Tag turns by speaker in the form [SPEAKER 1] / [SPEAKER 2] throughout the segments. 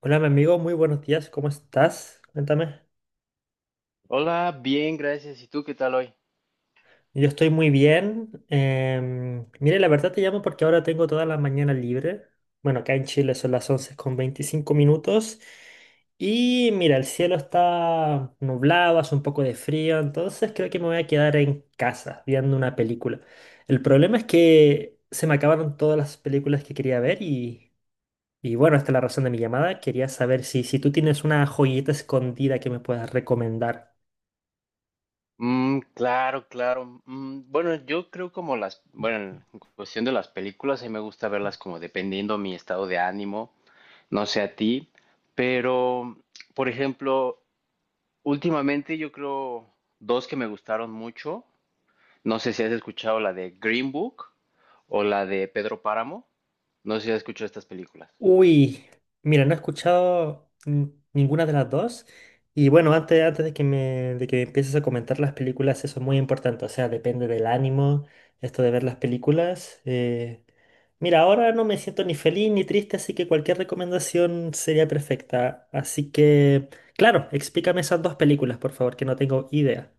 [SPEAKER 1] Hola, mi amigo, muy buenos días, ¿cómo estás? Cuéntame.
[SPEAKER 2] Hola, bien, gracias. ¿Y tú qué tal hoy?
[SPEAKER 1] Yo estoy muy bien. Mire, la verdad te llamo porque ahora tengo toda la mañana libre. Bueno, acá en Chile son las 11:25. Y mira, el cielo está nublado, hace un poco de frío, entonces creo que me voy a quedar en casa viendo una película. El problema es que se me acabaron todas las películas que quería ver y bueno, esta es la razón de mi llamada. Quería saber si tú tienes una joyita escondida que me puedas recomendar.
[SPEAKER 2] Mm, claro, claro. Bueno, yo creo en cuestión de las películas, a mí me gusta verlas como dependiendo mi estado de ánimo, no sé a ti, pero, por ejemplo, últimamente yo creo dos que me gustaron mucho. No sé si has escuchado la de Green Book o la de Pedro Páramo. No sé si has escuchado estas películas.
[SPEAKER 1] Uy, mira, no he escuchado ninguna de las dos. Y bueno, antes de que me, de que empieces a comentar las películas, eso es muy importante. O sea, depende del ánimo, esto de ver las películas. Mira, ahora no me siento ni feliz ni triste, así que cualquier recomendación sería perfecta. Así que, claro, explícame esas dos películas, por favor, que no tengo idea.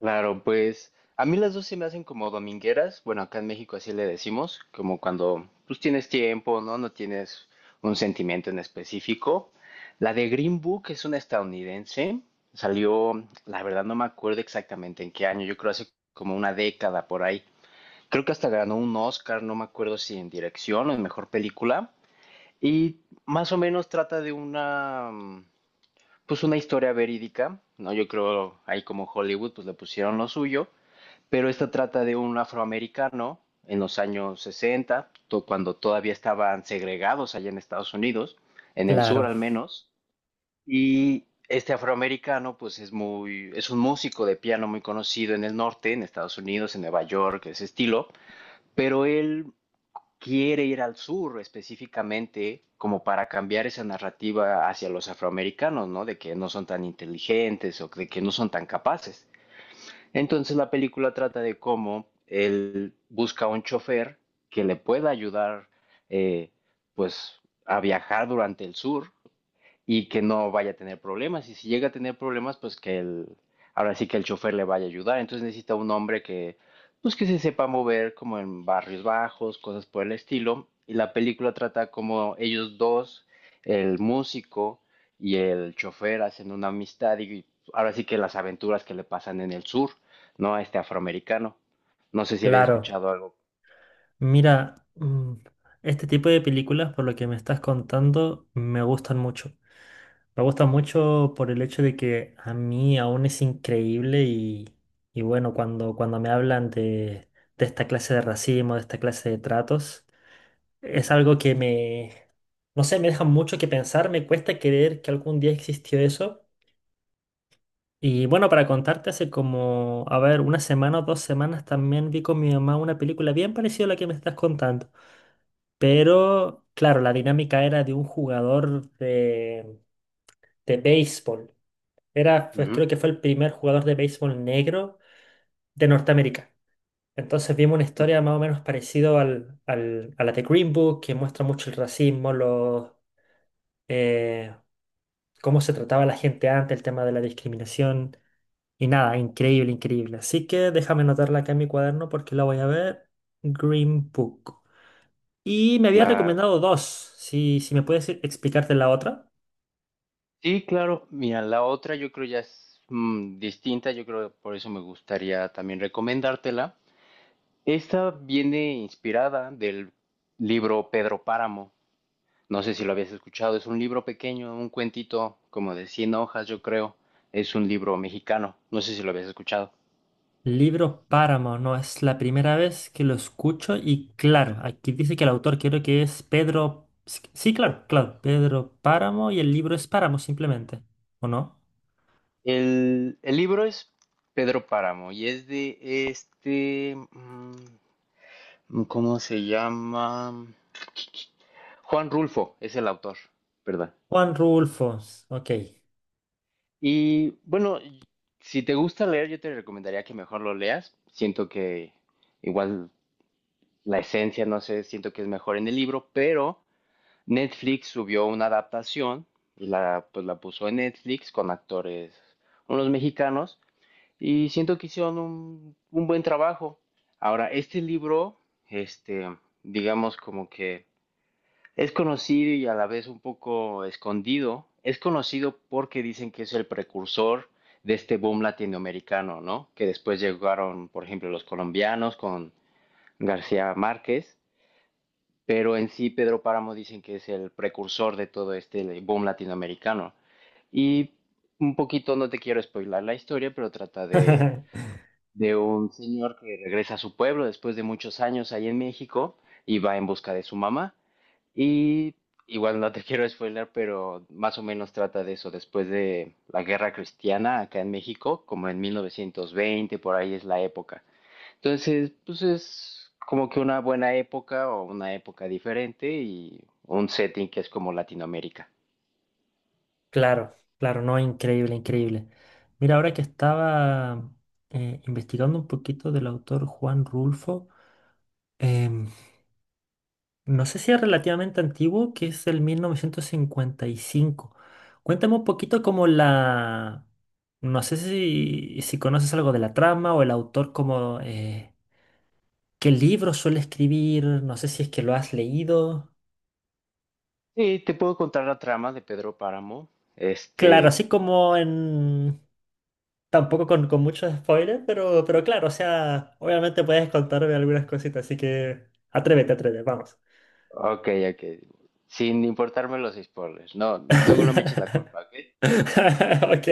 [SPEAKER 2] Claro, pues a mí las dos se me hacen como domingueras. Bueno, acá en México así le decimos, como cuando pues tienes tiempo, ¿no? No tienes un sentimiento en específico. La de Green Book es una estadounidense. Salió, la verdad no me acuerdo exactamente en qué año. Yo creo hace como una década por ahí. Creo que hasta ganó un Oscar, no me acuerdo si en dirección o en mejor película. Y más o menos trata de una, pues una historia verídica, ¿no? Yo creo ahí como Hollywood pues le pusieron lo suyo, pero esta trata de un afroamericano en los años 60, cuando todavía estaban segregados allá en Estados Unidos, en el sur
[SPEAKER 1] Claro,
[SPEAKER 2] al menos, y este afroamericano pues es un músico de piano muy conocido en el norte, en Estados Unidos, en Nueva York, ese estilo, pero él quiere ir al sur específicamente como para cambiar esa narrativa hacia los afroamericanos, ¿no? De que no son tan inteligentes o de que no son tan capaces. Entonces la película trata de cómo él busca un chofer que le pueda ayudar eh, pues a viajar durante el sur y que no vaya a tener problemas. Y si llega a tener problemas, pues que el, ahora sí que el chofer le vaya a ayudar. Entonces necesita un hombre que, pues que se sepa mover como en barrios bajos, cosas por el estilo. Y la película trata como ellos dos, el músico y el chofer, hacen una amistad y ahora sí que las aventuras que le pasan en el sur, ¿no? A este afroamericano. No sé si habías
[SPEAKER 1] claro.
[SPEAKER 2] escuchado algo.
[SPEAKER 1] Mira, este tipo de películas, por lo que me estás contando, me gustan mucho. Me gusta mucho por el hecho de que a mí aún es increíble y bueno, cuando me hablan de esta clase de racismo, de esta clase de tratos, es algo que me, no sé, me deja mucho que pensar, me cuesta creer que algún día existió eso. Y bueno, para contarte, hace como, a ver, una semana o dos semanas también vi con mi mamá una película bien parecida a la que me estás contando. Pero, claro, la dinámica era de un jugador de béisbol. Era, pues, creo
[SPEAKER 2] Ujú,
[SPEAKER 1] que fue el primer jugador de béisbol negro de Norteamérica. Entonces vimos una
[SPEAKER 2] ujú,
[SPEAKER 1] historia más o menos parecida al, a la de Green Book, que muestra mucho el racismo, los, eh, cómo se trataba a la gente antes, el tema de la discriminación. Y nada, increíble, increíble. Así que déjame anotarla acá en mi cuaderno porque la voy a ver. Green Book. Y me había
[SPEAKER 2] claro.
[SPEAKER 1] recomendado dos. Si me puedes explicarte la otra.
[SPEAKER 2] Sí, claro. Mira, la otra yo creo ya es distinta, yo creo que por eso me gustaría también recomendártela. Esta viene inspirada del libro Pedro Páramo. No sé si lo habías escuchado, es un libro pequeño, un cuentito como de 100 hojas, yo creo. Es un libro mexicano, no sé si lo habías escuchado.
[SPEAKER 1] Libro Páramo, no es la primera vez que lo escucho y claro, aquí dice que el autor creo que es Pedro... Sí, sí, claro, claro, Pedro Páramo y el libro es Páramo simplemente, ¿o no?
[SPEAKER 2] El libro es Pedro Páramo y es de este, ¿cómo se llama? Juan Rulfo es el autor, ¿verdad?
[SPEAKER 1] Juan Rulfo, ok.
[SPEAKER 2] Y bueno, si te gusta leer, yo te recomendaría que mejor lo leas. Siento que igual la esencia, no sé, siento que es mejor en el libro, pero Netflix subió una adaptación y la, pues la puso en Netflix con actores, unos mexicanos, y siento que hicieron un buen trabajo. Ahora, este libro, este, digamos como que es conocido y a la vez un poco escondido. Es conocido porque dicen que es el precursor de este boom latinoamericano, ¿no? Que después llegaron, por ejemplo, los colombianos con García Márquez, pero en sí Pedro Páramo dicen que es el precursor de todo este boom latinoamericano. Y un poquito, no te quiero spoilar la historia, pero trata de un señor que regresa a su pueblo después de muchos años ahí en México y va en busca de su mamá. Y igual no te quiero spoiler, pero más o menos trata de eso. Después de la guerra cristiana acá en México, como en 1920, por ahí es la época. Entonces, pues es como que una buena época o una época diferente y un setting que es como Latinoamérica.
[SPEAKER 1] Claro, claro, no, increíble, increíble. Mira, ahora que estaba investigando un poquito del autor Juan Rulfo, em, no sé si es relativamente antiguo, que es el 1955. Cuéntame un poquito como la... No sé si conoces algo de la trama o el autor, como qué libro suele escribir, no sé si es que lo has leído.
[SPEAKER 2] Sí te puedo contar la trama de Pedro Páramo.
[SPEAKER 1] Claro,
[SPEAKER 2] Este,
[SPEAKER 1] así como en... Tampoco con muchos spoilers, pero claro, o sea, obviamente puedes contarme algunas cositas, así que atrévete, atrévete, vamos.
[SPEAKER 2] ok, ok. Sin importarme los spoilers. No, luego no me eches la culpa, ¿ok?
[SPEAKER 1] Ok.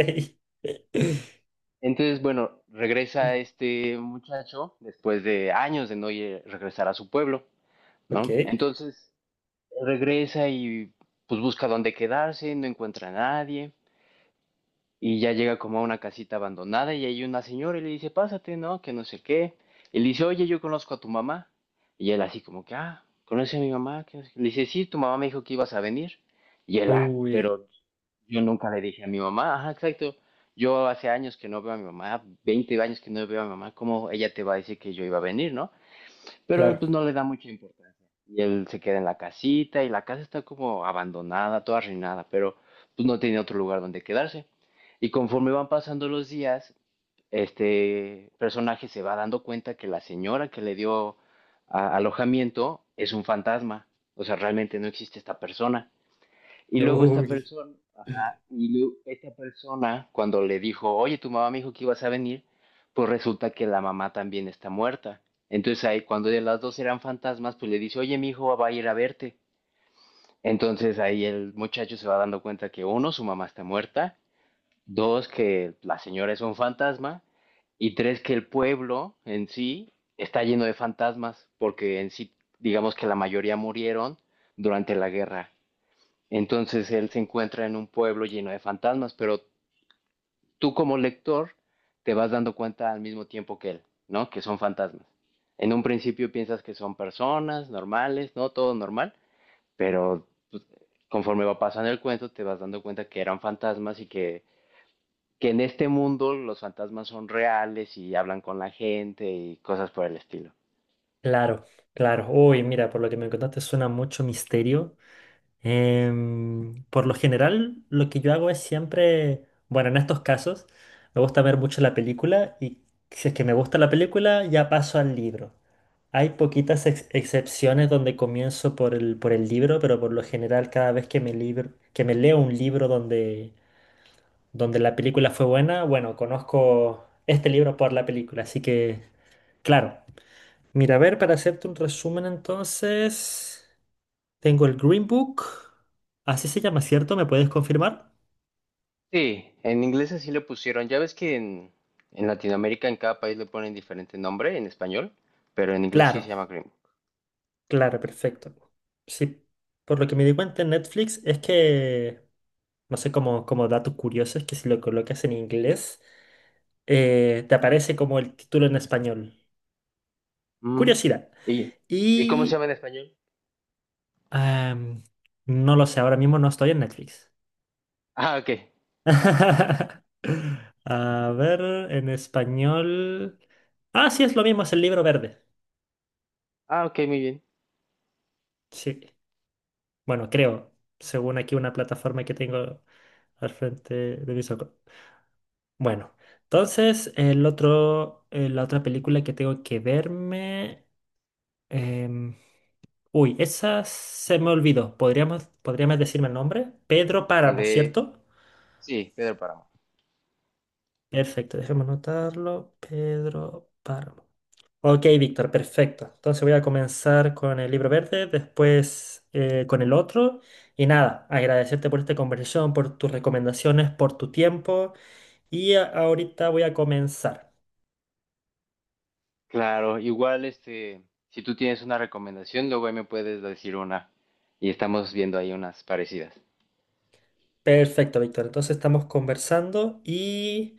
[SPEAKER 2] Entonces, bueno, regresa este muchacho después de años de no ir- regresar a su pueblo,
[SPEAKER 1] Ok.
[SPEAKER 2] ¿no? Entonces, regresa y pues busca dónde quedarse, no encuentra a nadie y ya llega como a una casita abandonada y hay una señora y le dice, pásate, ¿no? Que no sé qué. Y le dice, oye, yo conozco a tu mamá. Y él así como que, ah, ¿conoce a mi mamá? Que no sé qué". Le dice, sí, tu mamá me dijo que ibas a venir. Y él, ah,
[SPEAKER 1] Uy,
[SPEAKER 2] pero yo nunca le dije a mi mamá, ajá, exacto. Yo hace años que no veo a mi mamá, 20 años que no veo a mi mamá, ¿cómo ella te va a decir que yo iba a venir, no? Pero él
[SPEAKER 1] claro.
[SPEAKER 2] pues no le da mucha importancia. Y él se queda en la casita y la casa está como abandonada, toda arruinada, pero pues no tiene otro lugar donde quedarse. Y conforme van pasando los días, este personaje se va dando cuenta que la señora que le dio alojamiento es un fantasma. O sea, realmente no existe esta persona. Y luego esta
[SPEAKER 1] Uy,
[SPEAKER 2] persona... Y esta persona, cuando le dijo, oye, tu mamá me dijo que ibas a venir, pues resulta que la mamá también está muerta. Entonces ahí, cuando de las dos eran fantasmas, pues le dice, oye, mi hijo va a ir a verte. Entonces ahí el muchacho se va dando cuenta que uno, su mamá está muerta, dos, que la señora es un fantasma, y tres, que el pueblo en sí está lleno de fantasmas, porque en sí, digamos que la mayoría murieron durante la guerra. Entonces él se encuentra en un pueblo lleno de fantasmas, pero tú como lector te vas dando cuenta al mismo tiempo que él, ¿no? Que son fantasmas. En un principio piensas que son personas normales, ¿no? Todo normal, pero pues, conforme va pasando el cuento te vas dando cuenta que eran fantasmas y que en este mundo los fantasmas son reales y hablan con la gente y cosas por el estilo.
[SPEAKER 1] claro, claro. Uy, mira, por lo que me contaste suena mucho misterio. Em, por lo general, lo que yo hago es siempre, bueno, en estos casos, me gusta ver mucho la película y si es que me gusta la película, ya paso al libro. Hay poquitas excepciones donde comienzo por el libro, pero por lo general cada vez que me, libro, que me leo un libro donde, donde la película fue buena, bueno, conozco este libro por la película, así que... Claro. Mira, a ver, para hacerte un resumen entonces, tengo el Green Book. Así se llama, ¿cierto? ¿Me puedes confirmar?
[SPEAKER 2] Sí, en inglés así le pusieron. Ya ves que en Latinoamérica en cada país le ponen diferente nombre en español, pero en inglés
[SPEAKER 1] Claro,
[SPEAKER 2] sí se llama Grimm.
[SPEAKER 1] claro, perfecto. Sí, por lo que me di cuenta en Netflix es que, no sé, como, como datos curiosos, que si lo colocas en inglés, te aparece como el título en español.
[SPEAKER 2] Mm.
[SPEAKER 1] Curiosidad.
[SPEAKER 2] ¿Y, ¿Y cómo se
[SPEAKER 1] Y...
[SPEAKER 2] llama en español?
[SPEAKER 1] am, no lo sé, ahora mismo no estoy en Netflix.
[SPEAKER 2] Ah, ok.
[SPEAKER 1] A ver, en español. Ah, sí, es lo mismo, es el libro verde.
[SPEAKER 2] Ah, ok, muy bien.
[SPEAKER 1] Sí. Bueno, creo, según aquí una plataforma que tengo al frente de mis ojos. Bueno, entonces el otro, la otra película que tengo que verme. em, Uy, esa se me olvidó. ¿Podríamos, podríamos decirme el nombre? Pedro
[SPEAKER 2] La
[SPEAKER 1] Páramo,
[SPEAKER 2] de,
[SPEAKER 1] ¿cierto?
[SPEAKER 2] sí, Pedro Páramo.
[SPEAKER 1] Perfecto, déjame anotarlo. Pedro Páramo. Ok, Víctor, perfecto. Entonces voy a comenzar con el libro verde, después con el otro. Y nada, agradecerte por esta conversación, por tus recomendaciones, por tu tiempo. Y ahorita voy a comenzar.
[SPEAKER 2] Claro, igual este, si tú tienes una recomendación, luego ahí me puedes decir una y estamos viendo ahí unas parecidas.
[SPEAKER 1] Perfecto, Víctor. Entonces estamos conversando y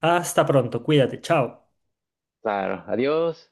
[SPEAKER 1] hasta pronto. Cuídate, chao.
[SPEAKER 2] Claro, adiós.